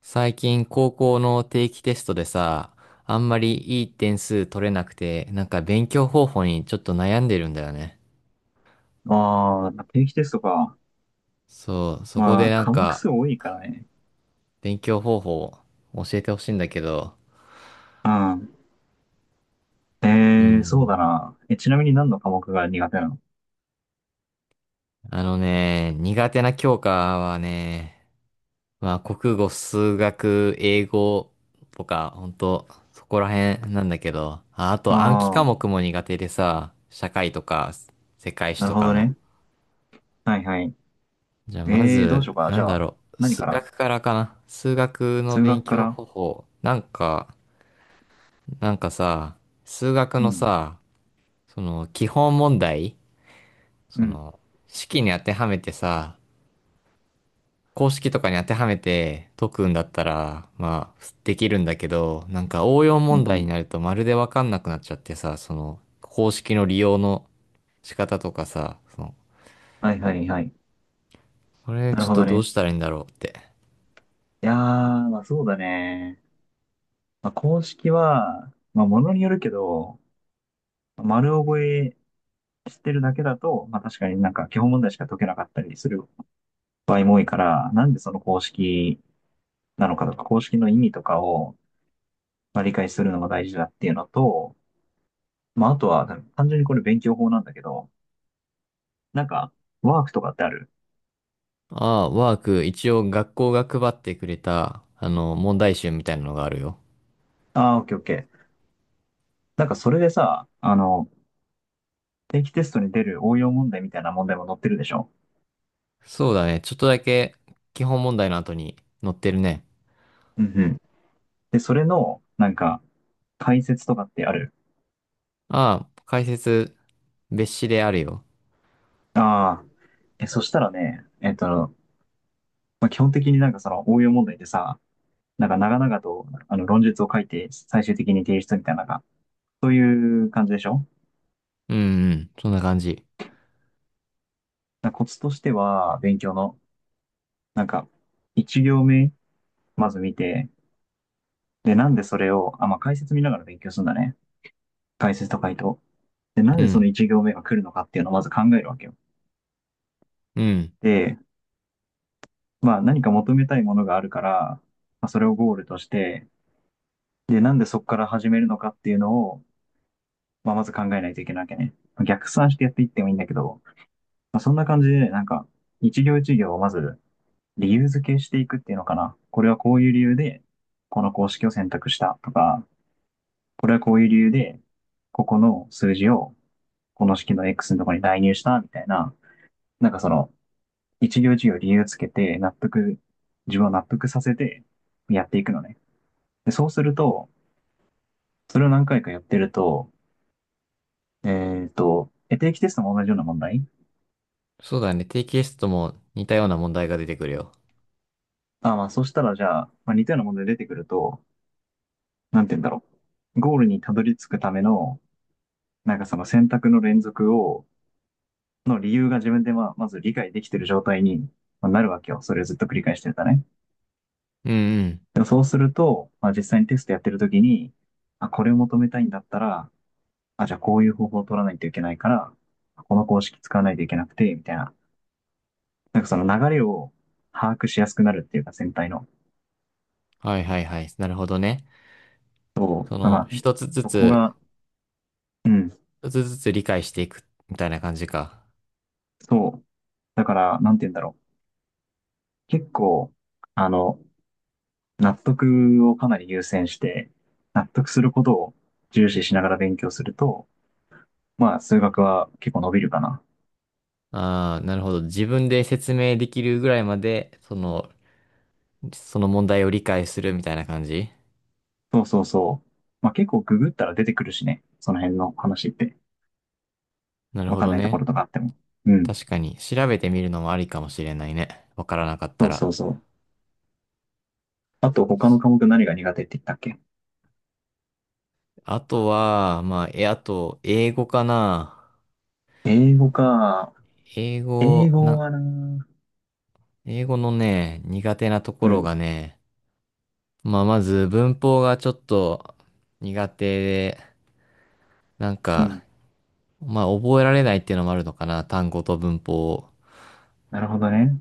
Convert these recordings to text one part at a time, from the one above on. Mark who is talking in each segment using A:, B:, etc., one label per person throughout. A: 最近高校の定期テストでさ、あんまりいい点数取れなくて、勉強方法にちょっと悩んでるんだよね。
B: ああ、定期テストか。
A: そう、そこ
B: ま
A: で
B: あ、科目数多いからね。
A: 勉強方法を教えてほしいんだけど、
B: うん。
A: う
B: そうだ
A: ん。
B: な。ちなみに何の科目が苦手なの？
A: あのね、苦手な教科はね、まあ国語、数学、英語とか、ほんと、そこら辺なんだけど、ああ
B: あ
A: と暗記
B: あ
A: 科
B: ー、
A: 目も苦手でさ、社会とか世界史
B: なる
A: と
B: ほ
A: か
B: ど
A: の。
B: ね。はいはい。
A: じゃあま
B: どうし
A: ず、
B: ようかな。
A: な
B: じ
A: ん
B: ゃ
A: だ
B: あ、
A: ろう。
B: 何
A: 数
B: から
A: 学からかな。数学の
B: 数
A: 勉
B: 学か
A: 強
B: ら？
A: 方法。なんかさ、数学
B: う
A: の
B: ん。
A: さ、その基本問題、
B: う
A: そ
B: ん。
A: の式に当てはめてさ、公式とかに当てはめて解くんだったら、まあ、できるんだけど、なんか応用
B: うんう
A: 問題に
B: ん。
A: なるとまるでわかんなくなっちゃってさ、その公式の利用の仕方とかさ、その、
B: はいはいはい。
A: これ
B: な
A: ち
B: る
A: ょっ
B: ほ
A: と
B: ど
A: どう
B: ね。
A: したらいいんだろうって。
B: いやー、まあそうだね。まあ、公式は、まあものによるけど、丸覚えしてるだけだと、まあ確かになんか基本問題しか解けなかったりする場合も多いから、なんでその公式なのかとか、公式の意味とかを、まあ、理解するのが大事だっていうのと、まあ、あとは、単純にこれ勉強法なんだけど、なんか、ワークとかってある？
A: ああ、ワーク、一応学校が配ってくれた、あの、問題集みたいなのがあるよ。
B: ああ、オッケーオッケー。なんかそれでさ、定期テストに出る応用問題みたいな問題も載ってるでしょ？
A: そうだね。ちょっとだけ基本問題の後に載ってるね。
B: うんうん。で、それの、なんか、解説とかってある？
A: ああ、解説、別紙であるよ。
B: ああ。そしたらね、まあ、基本的になんかその応用問題でさ、なんか長々とあの論述を書いて最終的に提出みたいなのが、そういう感じでしょ？
A: うんうん、そんな感じ。
B: なコツとしては、勉強の、なんか、一行目、まず見て、で、なんでそれを、あ、まあ、解説見ながら勉強するんだね。解説と回答。で、なん
A: う
B: でその
A: ん、
B: 一行目が来るのかっていうのをまず考えるわけよ。
A: うん。
B: で、まあ、何か求めたいものがあるから、まあ、それをゴールとして、で、なんでそこから始めるのかっていうのを、まあ、まず考えないといけないわけね。逆算してやっていってもいいんだけど、まあ、そんな感じで、なんか、一行一行をまず理由付けしていくっていうのかな。これはこういう理由で、この公式を選択したとか、これはこういう理由で、ここの数字をこの式の X のところに代入したみたいな、なんかその、一行一行理由つけて、納得、自分を納得させてやっていくのね。でそうすると、それを何回かやってると、えっ、と、定期テストも同じような問題。
A: そうだね。定期テストも似たような問題が出てくるよ。
B: あ、まあ、そしたらじゃあ、まあ、似たような問題出てくると、なんて言うんだろう。ゴールにたどり着くための、なんかその選択の連続をの理由が自分でまあ、まず理解できてる状態にまあなるわけよ。それをずっと繰り返してるとね。
A: うんうん。
B: でもそうすると、まあ、実際にテストやってる時に、あ、これを求めたいんだったら、あ、じゃあこういう方法を取らないといけないから、この公式使わないといけなくて、みたいな。なんかその流れを把握しやすくなるっていうか、全体の。
A: はいはいはい。なるほどね。
B: そ
A: そ
B: う。
A: の、
B: まあ、
A: 一つず
B: そこ
A: つ、
B: が、うん、
A: 一つずつ理解していく、みたいな感じか。
B: そう。だから、なんて言うんだろう。結構、あの、納得をかなり優先して、納得することを重視しながら勉強すると、まあ、数学は結構伸びるかな。
A: ああ、なるほど。自分で説明できるぐらいまで、その、その問題を理解するみたいな感じ。
B: そうそうそう。まあ、結構ググったら出てくるしね。その辺の話って。
A: なる
B: わ
A: ほ
B: かん
A: ど
B: ないとこ
A: ね。
B: ろとかあっても。うん。
A: 確かに、調べてみるのもありかもしれないね。わからなかっ
B: そ
A: た
B: う
A: ら。
B: そうそう。あと、他の科目何が苦手って言ったっけ？
A: あとは、まあ、え、あと、英語かな。
B: 英語か。
A: 英
B: 英
A: 語、
B: 語
A: な、
B: はな。
A: 英語のね、苦手なとこ
B: う
A: ろ
B: ん。
A: がね、まあ、まず文法がちょっと苦手で、なん
B: う
A: か、
B: ん。
A: まあ、覚えられないっていうのもあるのかな。単語と文法を。
B: なるほどね。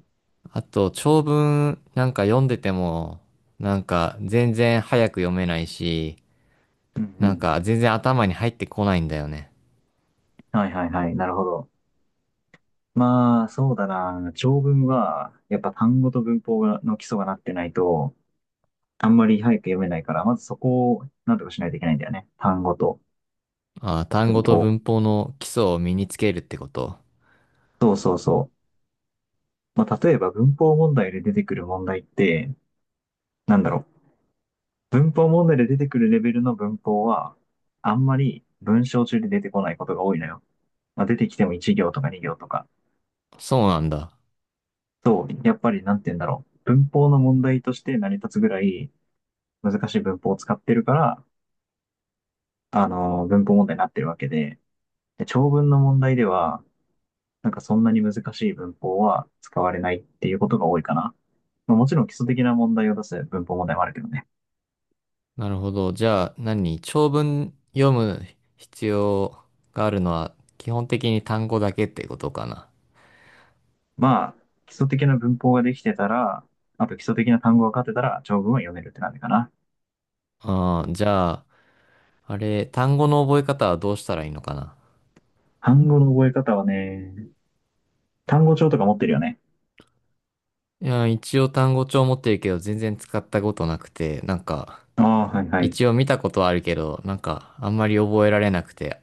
A: あと、長文なんか読んでても、なんか全然早く読めないし、
B: うんう
A: なん
B: ん。
A: か全然頭に入ってこないんだよね。
B: はいはいはい。なるほど。まあ、そうだな。長文は、やっぱ単語と文法がの基礎がなってないと、あんまり早く読めないから、まずそこをなんとかしないといけないんだよね。単語と
A: ああ、単
B: 文
A: 語と
B: 法。
A: 文法の基礎を身につけるってこと。
B: そうそうそう。まあ、例えば文法問題で出てくる問題って、なんだろう。文法問題で出てくるレベルの文法は、あんまり文章中で出てこないことが多いのよ。まあ、出てきても1行とか2行とか。
A: そうなんだ。
B: そう、やっぱりなんて言うんだろう。文法の問題として成り立つぐらい難しい文法を使ってるから、あの文法問題になってるわけで、で、長文の問題では、なんかそんなに難しい文法は使われないっていうことが多いかな。まあ、もちろん基礎的な問題を出す文法問題もあるけどね。
A: なるほど。じゃあ何長文読む必要があるのは基本的に単語だけってことかな。
B: まあ、基礎的な文法ができてたら、あと基礎的な単語が勝てたら、長文は読めるって感じかな。
A: ああ、じゃあ、あれ、単語の覚え方はどうしたらいいのかな。
B: 単語の覚え方はね、単語帳とか持ってるよね。
A: いや、一応単語帳持ってるけど全然使ったことなくて、なんか、
B: ああ、はいはい。
A: 一応見たことはあるけど、なんかあんまり覚えられなくて、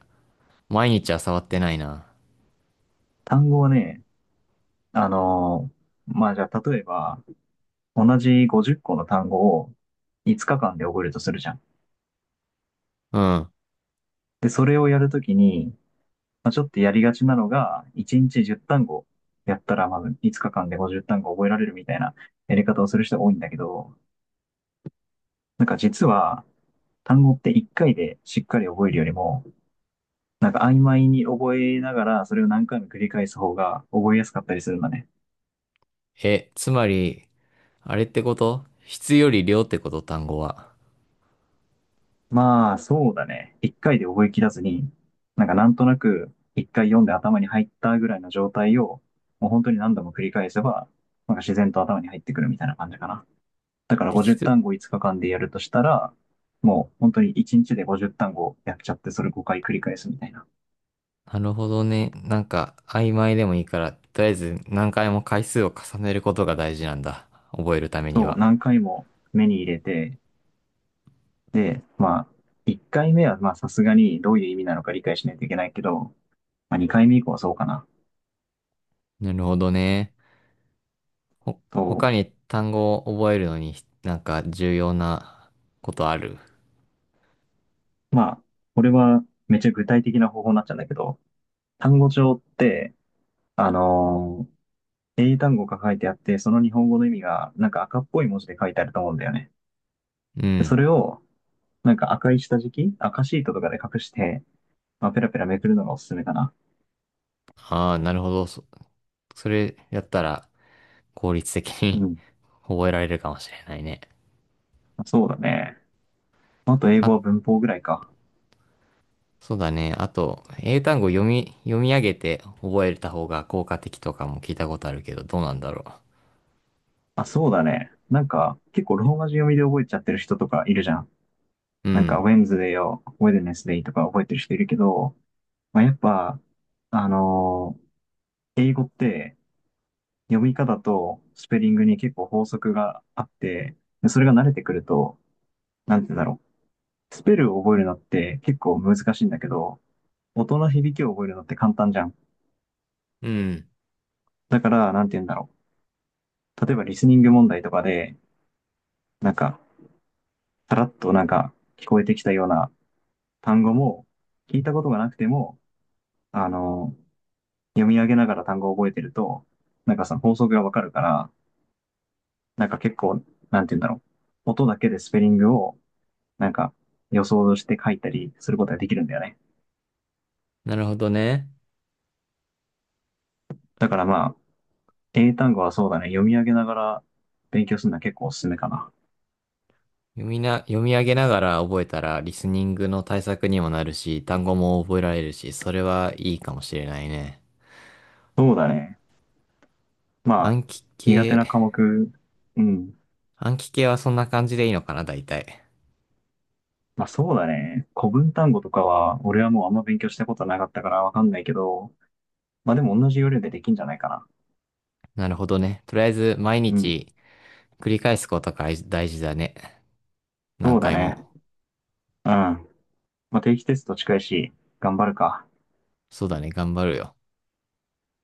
A: 毎日は触ってないな。
B: 単語はね、あのーまあじゃあ例えば、同じ50個の単語を5日間で覚えるとするじゃん。
A: うん。
B: で、それをやるときに、まあ、ちょっとやりがちなのが、1日10単語やったら、まず5日間で50単語覚えられるみたいなやり方をする人が多いんだけど、なんか実は、単語って一回でしっかり覚えるよりも、なんか曖昧に覚えながら、それを何回も繰り返す方が覚えやすかったりするんだね。
A: え、つまり、あれってこと。質より量ってこと単語は。
B: まあ、そうだね。一回で覚えきらずに、なんかなんとなく一回読んで頭に入ったぐらいの状態を、もう本当に何度も繰り返せば、なんか自然と頭に入ってくるみたいな感じかな。だから
A: 適
B: 50
A: 当。
B: 単語5日間でやるとしたら、もう本当に1日で50単語やっちゃって、それ5回繰り返すみたいな。
A: なるほどね。なんか、曖昧でもいいから、とりあえず何回も回数を重ねることが大事なんだ。覚えるために
B: そう、
A: は。
B: 何回も目に入れて、で、まあ、1回目は、まあ、さすがにどういう意味なのか理解しないといけないけど、まあ、2回目以降はそうかな。
A: なるほどね。ほ、
B: と、
A: 他に単語を覚えるのに、なんか重要なことある？
B: まあ、これはめっちゃ具体的な方法になっちゃうんだけど、単語帳って、あのー英単語が書いてあって、その日本語の意味が、なんか赤っぽい文字で書いてあると思うんだよね。
A: う
B: でそ
A: ん。
B: れを、なんか赤い下敷き赤シートとかで隠して、まあ、ペラペラめくるのがおすすめかな。
A: ああ、なるほど。そ、それやったら、効率的
B: う
A: に
B: ん。
A: 覚えられるかもしれないね。
B: そうだね。あと英
A: あ、
B: 語は文法ぐらいか。
A: そうだね。あと、英単語読み、読み上げて覚えた方が効果的とかも聞いたことあるけど、どうなんだろ
B: あ、そうだね。なんか、結構ローマ字読みで覚えちゃってる人とかいるじゃん。
A: う。う
B: なんか、ウ
A: ん。
B: ェンズデーを、ウェデネスデイとか覚えてる人いるけど、まあ、やっぱ、あのー英語って読み方とスペリングに結構法則があって、でそれが慣れてくると、なんて言うんだろう。スペルを覚えるのって結構難しいんだけど、音の響きを覚えるのって簡単じゃん。
A: うん。
B: だから、なんて言うんだろう。例えば、リスニング問題とかで、なんか、さらっとなんか、聞こえてきたような単語も聞いたことがなくても、あの、読み上げながら単語を覚えてると、なんかその法則がわかるから、なんか結構、なんて言うんだろう。音だけでスペリングを、なんか予想して書いたりすることができるんだよね。
A: なるほどね。
B: だからまあ、英単語はそうだね。読み上げながら勉強するのは結構おすすめかな。
A: 読みな、読み上げながら覚えたら、リスニングの対策にもなるし、単語も覚えられるし、それはいいかもしれないね。
B: そうだね。まあ、
A: 暗記
B: 苦手
A: 系、
B: な科目、うん。
A: 暗記系はそんな感じでいいのかな、大体。
B: まあそうだね。古文単語とかは、俺はもうあんま勉強したことなかったからわかんないけど、まあでも同じ要領でできんじゃないかな。
A: なるほどね。とりあえず、毎
B: うん、
A: 日繰り返すことが大事だね。
B: そ
A: 何
B: うだ
A: 回
B: ね。
A: も。
B: うん。まあ、定期テスト近いし、頑張るか。
A: そうだね、頑張るよ。